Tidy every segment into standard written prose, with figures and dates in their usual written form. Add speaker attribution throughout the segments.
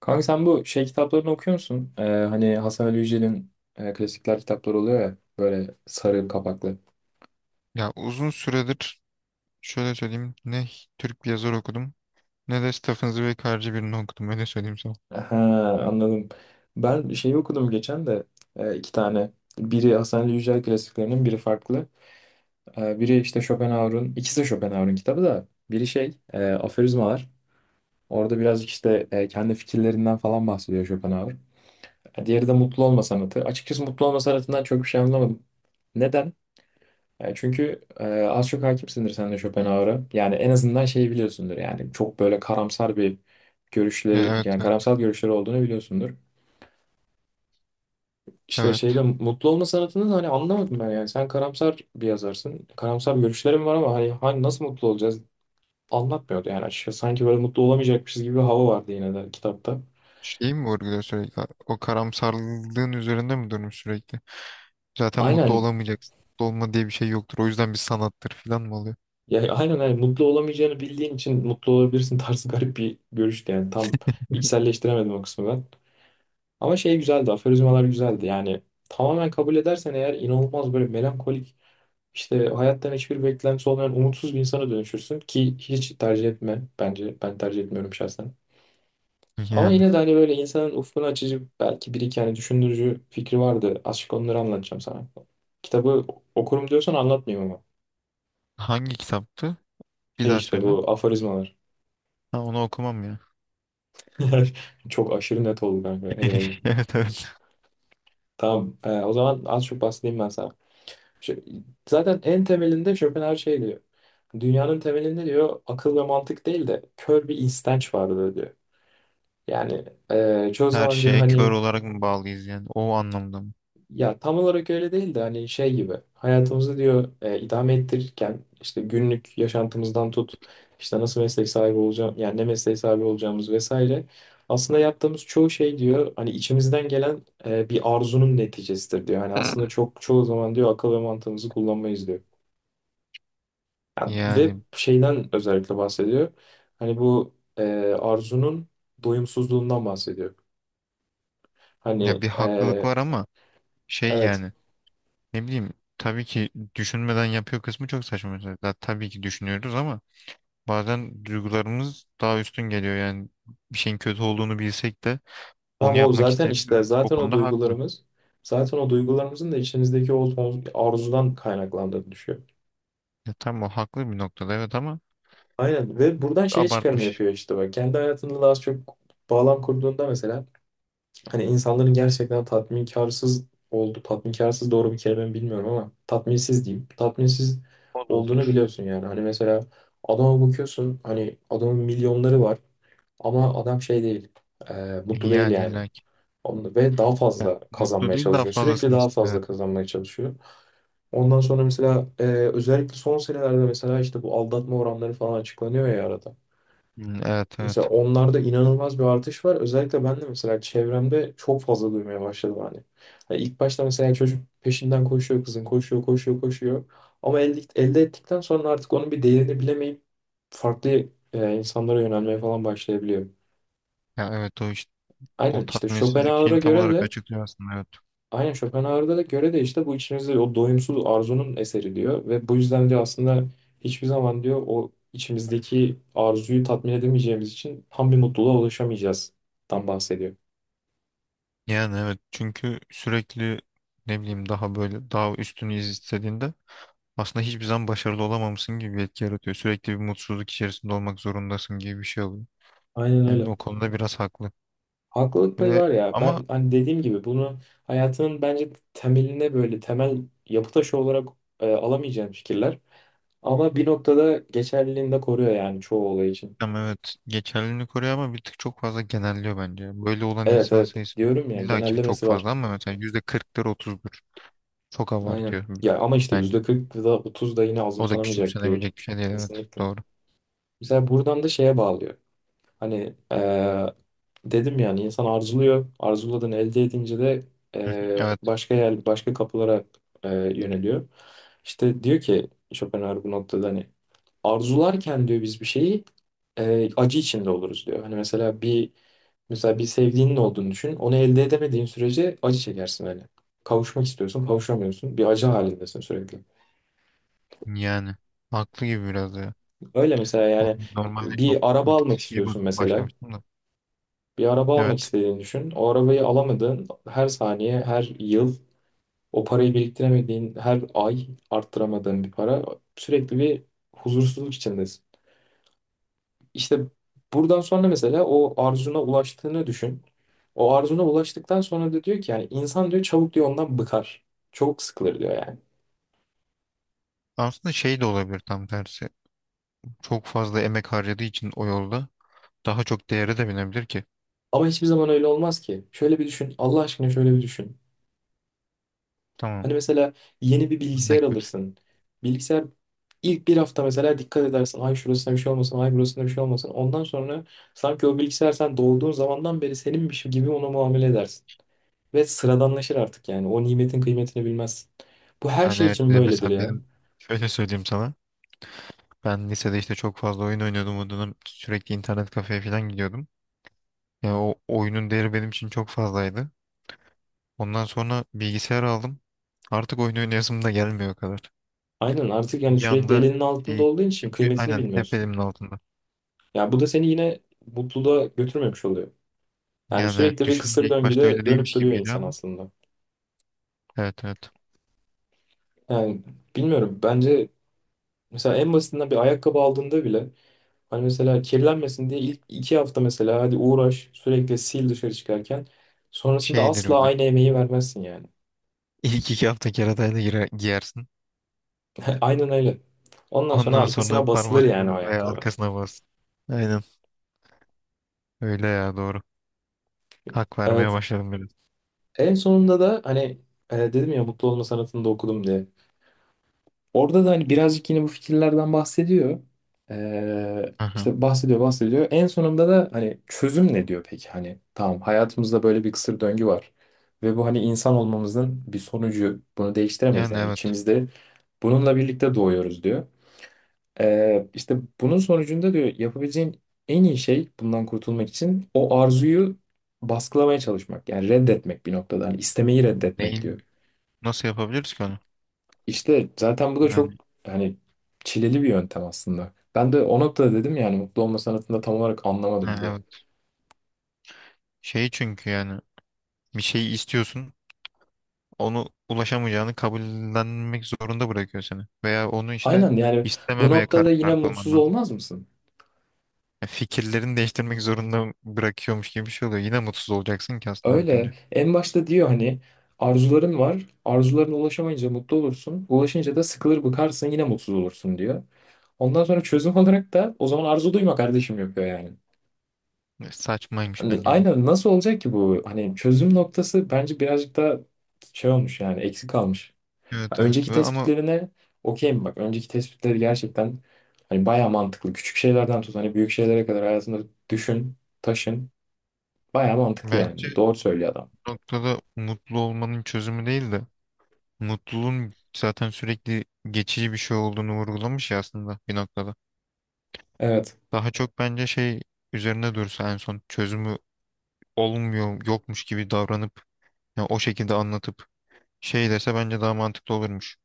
Speaker 1: Kanka sen bu şey kitaplarını okuyor musun? Hani Hasan Ali Yücel'in klasikler kitapları oluyor ya böyle sarı kapaklı.
Speaker 2: Ya uzun süredir şöyle söyleyeyim, ne Türk bir yazar okudum ne de Stephen Zweig'ci birini okudum, öyle söyleyeyim sana.
Speaker 1: Ha, anladım. Ben şeyi okudum geçen de iki tane. Biri Hasan Ali Yücel klasiklerinin biri farklı. Biri işte Schopenhauer'un, ikisi de Schopenhauer'un kitabı da biri Aforizmalar. Orada birazcık işte kendi fikirlerinden falan bahsediyor Schopenhauer. Diğeri de Mutlu Olma Sanatı. Açıkçası Mutlu Olma Sanatı'ndan çok bir şey anlamadım. Neden? Çünkü az çok hakimsindir sen de Schopenhauer'a. Yani en azından şeyi biliyorsundur yani çok böyle karamsar bir
Speaker 2: Ya,
Speaker 1: görüşleri
Speaker 2: evet
Speaker 1: yani
Speaker 2: evet
Speaker 1: karamsar görüşleri olduğunu biliyorsundur. İşte
Speaker 2: evet.
Speaker 1: şeyde mutlu olma sanatını da hani anlamadım ben yani. Sen karamsar bir yazarsın. Karamsar görüşlerim var ama hani nasıl mutlu olacağız anlatmıyordu yani açıkçası. Sanki böyle mutlu olamayacakmışız gibi bir hava vardı yine de kitapta.
Speaker 2: Şey mi vurguluyor sürekli? O karamsarlığın üzerinde mi durmuş sürekli? Zaten mutlu
Speaker 1: Aynen
Speaker 2: olamayacaksın. Mutlu olma diye bir şey yoktur. O yüzden bir sanattır falan mı oluyor?
Speaker 1: aynen hani mutlu olamayacağını bildiğin için mutlu olabilirsin tarzı garip bir görüştü yani tam içselleştiremedim o kısmı ben. Ama şey güzeldi, aforizmalar güzeldi. Yani tamamen kabul edersen eğer inanılmaz böyle melankolik, işte hayattan hiçbir beklentisi olmayan umutsuz bir insana dönüşürsün ki hiç tercih etme bence. Ben tercih etmiyorum şahsen. Ama
Speaker 2: Yani.
Speaker 1: yine de hani böyle insanın ufkunu açıcı belki bir iki hani düşündürücü fikri vardı. Azıcık onları anlatacağım sana. Kitabı okurum diyorsan anlatmayayım ama.
Speaker 2: Hangi kitaptı? Bir
Speaker 1: Şey
Speaker 2: daha
Speaker 1: işte
Speaker 2: söyle.
Speaker 1: bu aforizmalar.
Speaker 2: Ha, onu okumam ya.
Speaker 1: Çok aşırı net oldu kanka. Eyvallah.
Speaker 2: Evet evet.
Speaker 1: Tamam. O zaman az çok bahsedeyim ben sana. Şey, Zaten en temelinde Schopenhauer şey diyor. Dünyanın temelinde diyor akıl ve mantık değil de kör bir istenç vardır diyor. Yani çoğu
Speaker 2: Her
Speaker 1: zaman diyor
Speaker 2: şeye kör
Speaker 1: hani
Speaker 2: olarak mı bağlıyız yani? O anlamda mı?
Speaker 1: ya tam olarak öyle değil de hani şey gibi hayatımızı diyor idame ettirirken işte günlük yaşantımızdan tut işte nasıl meslek sahibi olacağım yani ne mesleği sahibi olacağımız vesaire. Aslında yaptığımız çoğu şey diyor hani içimizden gelen bir arzunun neticesidir diyor. Hani aslında çok çoğu zaman diyor akıl ve mantığımızı kullanmayız diyor. Yani ve
Speaker 2: Yani
Speaker 1: şeyden özellikle bahsediyor. Hani bu arzunun doyumsuzluğundan bahsediyor.
Speaker 2: ya
Speaker 1: Hani
Speaker 2: bir haklılık var ama şey
Speaker 1: evet.
Speaker 2: yani. Ne bileyim, tabii ki düşünmeden yapıyor kısmı çok saçma mesela. Tabii ki düşünüyoruz ama bazen duygularımız daha üstün geliyor. Yani bir şeyin kötü olduğunu bilsek de onu
Speaker 1: Tam o
Speaker 2: yapmak
Speaker 1: zaten işte
Speaker 2: isteyebiliyoruz. O
Speaker 1: zaten o
Speaker 2: konuda haklı.
Speaker 1: duygularımız zaten o duygularımızın da içimizdeki o arzudan kaynaklandığını düşüyor.
Speaker 2: Ya, tamam, o haklı bir noktada, evet, ama
Speaker 1: Aynen ve buradan şeye çıkarım
Speaker 2: abartmış.
Speaker 1: yapıyor işte bak. Kendi hayatında da az çok bağlam kurduğunda mesela hani insanların gerçekten tatminkarsız oldu. Tatminkarsız doğru bir kelime mi bilmiyorum ama tatminsiz diyeyim. Tatminsiz
Speaker 2: O da
Speaker 1: olduğunu
Speaker 2: olur.
Speaker 1: biliyorsun yani. Hani mesela adama bakıyorsun hani adamın milyonları var ama adam şey değil. Mutlu değil
Speaker 2: Yani
Speaker 1: yani.
Speaker 2: illa ki.
Speaker 1: Ve daha fazla
Speaker 2: Mutlu
Speaker 1: kazanmaya
Speaker 2: değil, daha
Speaker 1: çalışıyor. Sürekli
Speaker 2: fazlasını
Speaker 1: daha
Speaker 2: istiyor,
Speaker 1: fazla
Speaker 2: evet.
Speaker 1: kazanmaya çalışıyor. Ondan sonra mesela özellikle son senelerde mesela işte bu aldatma oranları falan açıklanıyor ya arada.
Speaker 2: Hmm, evet
Speaker 1: Mesela
Speaker 2: evet.
Speaker 1: onlarda inanılmaz bir artış var. Özellikle ben de mesela çevremde çok fazla duymaya başladım hani. Hani ilk başta mesela çocuk peşinden koşuyor kızın, koşuyor, koşuyor, koşuyor. Ama elde ettikten sonra artık onun bir değerini bilemeyip farklı insanlara yönelmeye falan başlayabiliyor.
Speaker 2: Ya evet, o işte o
Speaker 1: Aynen işte
Speaker 2: tatminsizlik
Speaker 1: Schopenhauer'a
Speaker 2: şeyini tam
Speaker 1: göre
Speaker 2: olarak
Speaker 1: de
Speaker 2: açıklıyor aslında, evet.
Speaker 1: Aynen Schopenhauer'da da göre de işte bu içimizde o doyumsuz arzunun eseri diyor ve bu yüzden diyor aslında hiçbir zaman diyor o içimizdeki arzuyu tatmin edemeyeceğimiz için tam bir mutluluğa ulaşamayacağız dan bahsediyor.
Speaker 2: Yani evet, çünkü sürekli ne bileyim daha böyle daha üstünü istediğinde aslında hiçbir zaman başarılı olamamışsın gibi bir etki yaratıyor. Sürekli bir mutsuzluk içerisinde olmak zorundasın gibi bir şey oluyor.
Speaker 1: Aynen
Speaker 2: Yani
Speaker 1: öyle.
Speaker 2: o konuda biraz haklı.
Speaker 1: Haklılık payı
Speaker 2: Ve
Speaker 1: var ya
Speaker 2: ama
Speaker 1: ben hani dediğim gibi bunu hayatının bence temeline böyle temel yapı taşı olarak alamayacağım fikirler ama bir noktada geçerliliğini de koruyor yani çoğu olay için.
Speaker 2: ama evet, geçerliliğini koruyor ama bir tık çok fazla genelliyor bence. Böyle olan
Speaker 1: Evet
Speaker 2: insan
Speaker 1: evet
Speaker 2: sayısı
Speaker 1: diyorum ya
Speaker 2: illa ki çok
Speaker 1: genellemesi var.
Speaker 2: fazla ama mesela %40'dır, 30'dur. Çok
Speaker 1: Aynen.
Speaker 2: abartıyor
Speaker 1: Ya ama işte
Speaker 2: bence.
Speaker 1: %40 da 30 da yine
Speaker 2: O da
Speaker 1: azımsanamayacak bir
Speaker 2: küçümsenebilecek bir şey değil, evet,
Speaker 1: kesinlikle.
Speaker 2: doğru.
Speaker 1: Mesela buradan da şeye bağlıyor. Hani dedim yani insan arzuluyor. Arzuladığını elde edince de
Speaker 2: Hı hı, evet,
Speaker 1: başka yer, başka kapılara yöneliyor. İşte diyor ki Schopenhauer bu noktada hani arzularken diyor biz bir şeyi acı içinde oluruz diyor. Mesela bir sevdiğinin olduğunu düşün. Onu elde edemediğin sürece acı çekersin hani. Kavuşmak istiyorsun, kavuşamıyorsun. Bir acı halindesin sürekli.
Speaker 2: yani haklı gibi biraz da ya.
Speaker 1: Öyle mesela yani
Speaker 2: Normalde
Speaker 1: bir
Speaker 2: çok
Speaker 1: araba
Speaker 2: bir tık
Speaker 1: almak
Speaker 2: şeye bak
Speaker 1: istiyorsun mesela.
Speaker 2: başlamıştım da.
Speaker 1: Bir araba almak
Speaker 2: Evet.
Speaker 1: istediğini düşün. O arabayı alamadığın her saniye, her yıl o parayı biriktiremediğin her ay arttıramadığın bir para sürekli bir huzursuzluk içindesin. İşte buradan sonra mesela o arzuna ulaştığını düşün. O arzuna ulaştıktan sonra da diyor ki yani insan diyor çabuk diyor ondan bıkar. Çok sıkılır diyor yani.
Speaker 2: Aslında şey de olabilir, tam tersi. Çok fazla emek harcadığı için o yolda daha çok değere de binebilir ki.
Speaker 1: Ama hiçbir zaman öyle olmaz ki. Şöyle bir düşün. Allah aşkına şöyle bir düşün.
Speaker 2: Tamam.
Speaker 1: Hani mesela yeni bir bilgisayar
Speaker 2: Örnek ver.
Speaker 1: alırsın. Bilgisayar ilk bir hafta mesela dikkat edersin. Ay şurasında bir şey olmasın, ay burasında bir şey olmasın. Ondan sonra sanki o bilgisayar sen doğduğun zamandan beri seninmiş gibi ona muamele edersin. Ve sıradanlaşır artık yani. O nimetin kıymetini bilmezsin. Bu her
Speaker 2: Yani
Speaker 1: şey
Speaker 2: evet,
Speaker 1: için
Speaker 2: bir de
Speaker 1: böyledir
Speaker 2: mesela
Speaker 1: ya.
Speaker 2: benim şöyle söyleyeyim sana. Ben lisede işte çok fazla oyun oynuyordum. O dönem sürekli internet kafeye falan gidiyordum. Yani o oyunun değeri benim için çok fazlaydı. Ondan sonra bilgisayar aldım. Artık oyun oynayasım da gelmiyor o kadar.
Speaker 1: Aynen artık yani
Speaker 2: Bir
Speaker 1: sürekli
Speaker 2: anda
Speaker 1: elinin altında
Speaker 2: iyi.
Speaker 1: olduğun için
Speaker 2: Çünkü
Speaker 1: kıymetini
Speaker 2: aynen hep
Speaker 1: bilmiyorsun.
Speaker 2: elimin altında.
Speaker 1: Ya bu da seni yine mutluluğa götürmemiş oluyor. Yani
Speaker 2: Yani evet,
Speaker 1: sürekli bir
Speaker 2: düşününce
Speaker 1: kısır
Speaker 2: ilk başta
Speaker 1: döngüde
Speaker 2: öyle
Speaker 1: dönüp
Speaker 2: değilmiş
Speaker 1: duruyor
Speaker 2: gibi geliyor
Speaker 1: insan
Speaker 2: ama
Speaker 1: aslında.
Speaker 2: evet evet
Speaker 1: Yani bilmiyorum bence mesela en basitinden bir ayakkabı aldığında bile hani mesela kirlenmesin diye ilk iki hafta mesela hadi uğraş sürekli sil dışarı çıkarken sonrasında
Speaker 2: şeydir
Speaker 1: asla
Speaker 2: bir de.
Speaker 1: aynı emeği vermezsin yani.
Speaker 2: İlk iki hafta keratayla girer, giyersin.
Speaker 1: Aynen öyle. Ondan sonra
Speaker 2: Ondan sonra
Speaker 1: arkasına basılır
Speaker 2: parmakla
Speaker 1: yani o
Speaker 2: veya
Speaker 1: ayakkabı.
Speaker 2: arkasına bas. Aynen öyle ya, doğru. Hak vermeye
Speaker 1: Evet.
Speaker 2: başladım biraz.
Speaker 1: En sonunda da hani dedim ya mutlu olma sanatını da okudum diye. Orada da hani birazcık yine bu fikirlerden bahsediyor.
Speaker 2: Aha.
Speaker 1: İşte bahsediyor bahsediyor. En sonunda da hani çözüm ne diyor peki? Hani tamam hayatımızda böyle bir kısır döngü var. Ve bu hani insan olmamızın bir sonucu. Bunu değiştiremeyiz
Speaker 2: Yani
Speaker 1: yani
Speaker 2: evet.
Speaker 1: içimizde bununla birlikte doğuyoruz diyor. İşte bunun sonucunda diyor yapabileceğin en iyi şey bundan kurtulmak için o arzuyu baskılamaya çalışmak. Yani reddetmek bir noktada. Hani istemeyi reddetmek diyor.
Speaker 2: Neyin, nasıl yapabiliriz ki onu?
Speaker 1: İşte zaten bu da çok
Speaker 2: Yani
Speaker 1: hani çileli bir yöntem aslında. Ben de o noktada dedim yani mutlu olma sanatında tam olarak anlamadım
Speaker 2: ha,
Speaker 1: diye.
Speaker 2: evet. Şey çünkü yani bir şeyi istiyorsun, onu ulaşamayacağını kabullenmek zorunda bırakıyor seni. Veya onu işte
Speaker 1: Aynen yani bu
Speaker 2: istememeye
Speaker 1: noktada yine
Speaker 2: karar kılman
Speaker 1: mutsuz
Speaker 2: lazım.
Speaker 1: olmaz mısın?
Speaker 2: Ya, fikirlerini değiştirmek zorunda bırakıyormuş gibi bir şey oluyor. Yine mutsuz olacaksın ki aslında
Speaker 1: Öyle.
Speaker 2: bakınca.
Speaker 1: En başta diyor hani arzuların var. Arzularına ulaşamayınca mutlu olursun. Ulaşınca da sıkılır bıkarsın yine mutsuz olursun diyor. Ondan sonra çözüm olarak da o zaman arzu duyma kardeşim yapıyor yani.
Speaker 2: Ya, saçmaymış
Speaker 1: Hani
Speaker 2: bence bu.
Speaker 1: aynen nasıl olacak ki bu? Hani çözüm noktası bence birazcık da şey olmuş yani eksik kalmış. Ha,
Speaker 2: Evet evet
Speaker 1: önceki
Speaker 2: ve ama
Speaker 1: tespitlerine okeyim bak. Önceki tespitleri gerçekten hani bayağı mantıklı. Küçük şeylerden tut hani büyük şeylere kadar hayatında düşün, taşın. Bayağı mantıklı
Speaker 2: bence
Speaker 1: yani. Doğru söylüyor adam.
Speaker 2: bu noktada mutlu olmanın çözümü değil de mutluluğun zaten sürekli geçici bir şey olduğunu vurgulamış ya aslında bir noktada.
Speaker 1: Evet.
Speaker 2: Daha çok bence şey üzerine dursa, en son çözümü olmuyor, yokmuş gibi davranıp, ya o şekilde anlatıp şey dese bence daha mantıklı olurmuş.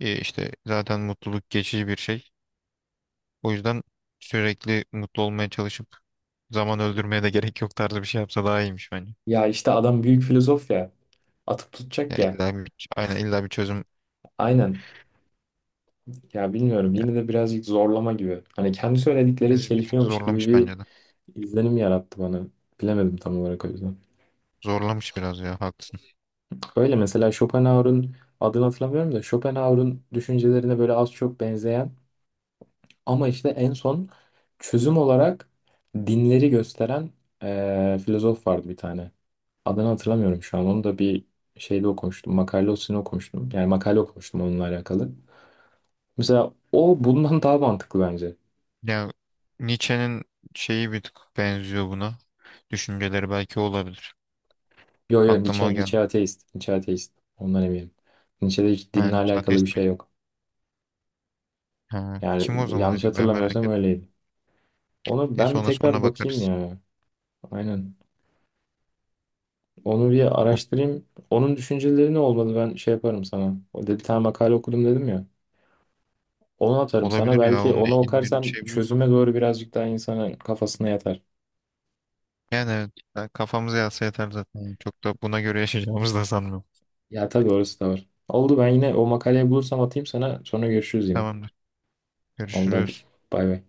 Speaker 2: E işte zaten mutluluk geçici bir şey. O yüzden sürekli mutlu olmaya çalışıp zaman öldürmeye de gerek yok tarzı bir şey yapsa daha iyiymiş bence.
Speaker 1: Ya işte adam büyük filozof ya. Atıp
Speaker 2: Ya
Speaker 1: tutacak ya.
Speaker 2: illa bir, aynen illa bir çözüm.
Speaker 1: Aynen. Ya bilmiyorum
Speaker 2: Ya,
Speaker 1: yine de birazcık zorlama gibi. Hani kendi söyledikleri
Speaker 2: bir tık
Speaker 1: çelişiyormuş gibi
Speaker 2: zorlamış
Speaker 1: bir
Speaker 2: bence de.
Speaker 1: izlenim yarattı bana. Bilemedim tam olarak o yüzden.
Speaker 2: Zorlamış biraz ya, haklısın.
Speaker 1: Öyle mesela Schopenhauer'un adını hatırlamıyorum da Schopenhauer'un düşüncelerine böyle az çok benzeyen ama işte en son çözüm olarak dinleri gösteren filozof vardı bir tane. Adını hatırlamıyorum şu an. Onu da bir şeyde okumuştum. Makalesini okumuştum. Yani makale okumuştum onunla alakalı. Mesela o bundan daha mantıklı bence.
Speaker 2: Ya Nietzsche'nin şeyi bir tık benziyor buna. Düşünceleri belki olabilir.
Speaker 1: Yo yo
Speaker 2: Aklıma
Speaker 1: Nietzsche,
Speaker 2: o
Speaker 1: Nietzsche
Speaker 2: geldi.
Speaker 1: ateist. Nietzsche ateist. Ondan eminim. Nietzsche'de hiç
Speaker 2: Ha,
Speaker 1: dinle
Speaker 2: Nietzsche
Speaker 1: alakalı bir
Speaker 2: ateist mi?
Speaker 1: şey yok.
Speaker 2: Ha, kim o
Speaker 1: Yani
Speaker 2: zaman
Speaker 1: yanlış
Speaker 2: acaba, merak
Speaker 1: hatırlamıyorsam
Speaker 2: ettim.
Speaker 1: öyleydi. Onu ben
Speaker 2: Neyse,
Speaker 1: bir
Speaker 2: ona
Speaker 1: tekrar
Speaker 2: sonra
Speaker 1: bakayım
Speaker 2: bakarız.
Speaker 1: ya. Aynen. Onu bir
Speaker 2: O-
Speaker 1: araştırayım. Onun düşünceleri ne olmalı ben şey yaparım sana. O da bir tane makale okudum dedim ya. Onu atarım sana.
Speaker 2: Olabilir ya,
Speaker 1: Belki
Speaker 2: onunla
Speaker 1: onu
Speaker 2: ilgili bir
Speaker 1: okursam
Speaker 2: şey bulursam.
Speaker 1: çözüme doğru birazcık daha insanın kafasına yatar.
Speaker 2: Yani evet, ya kafamıza yatsa yeter zaten. Çok da buna göre yaşayacağımızı da sanmıyorum.
Speaker 1: Ya tabii orası da var. Oldu ben yine o makaleyi bulursam atayım sana. Sonra görüşürüz yine.
Speaker 2: Tamamdır.
Speaker 1: Oldu hadi.
Speaker 2: Görüşürüz.
Speaker 1: Bay bay.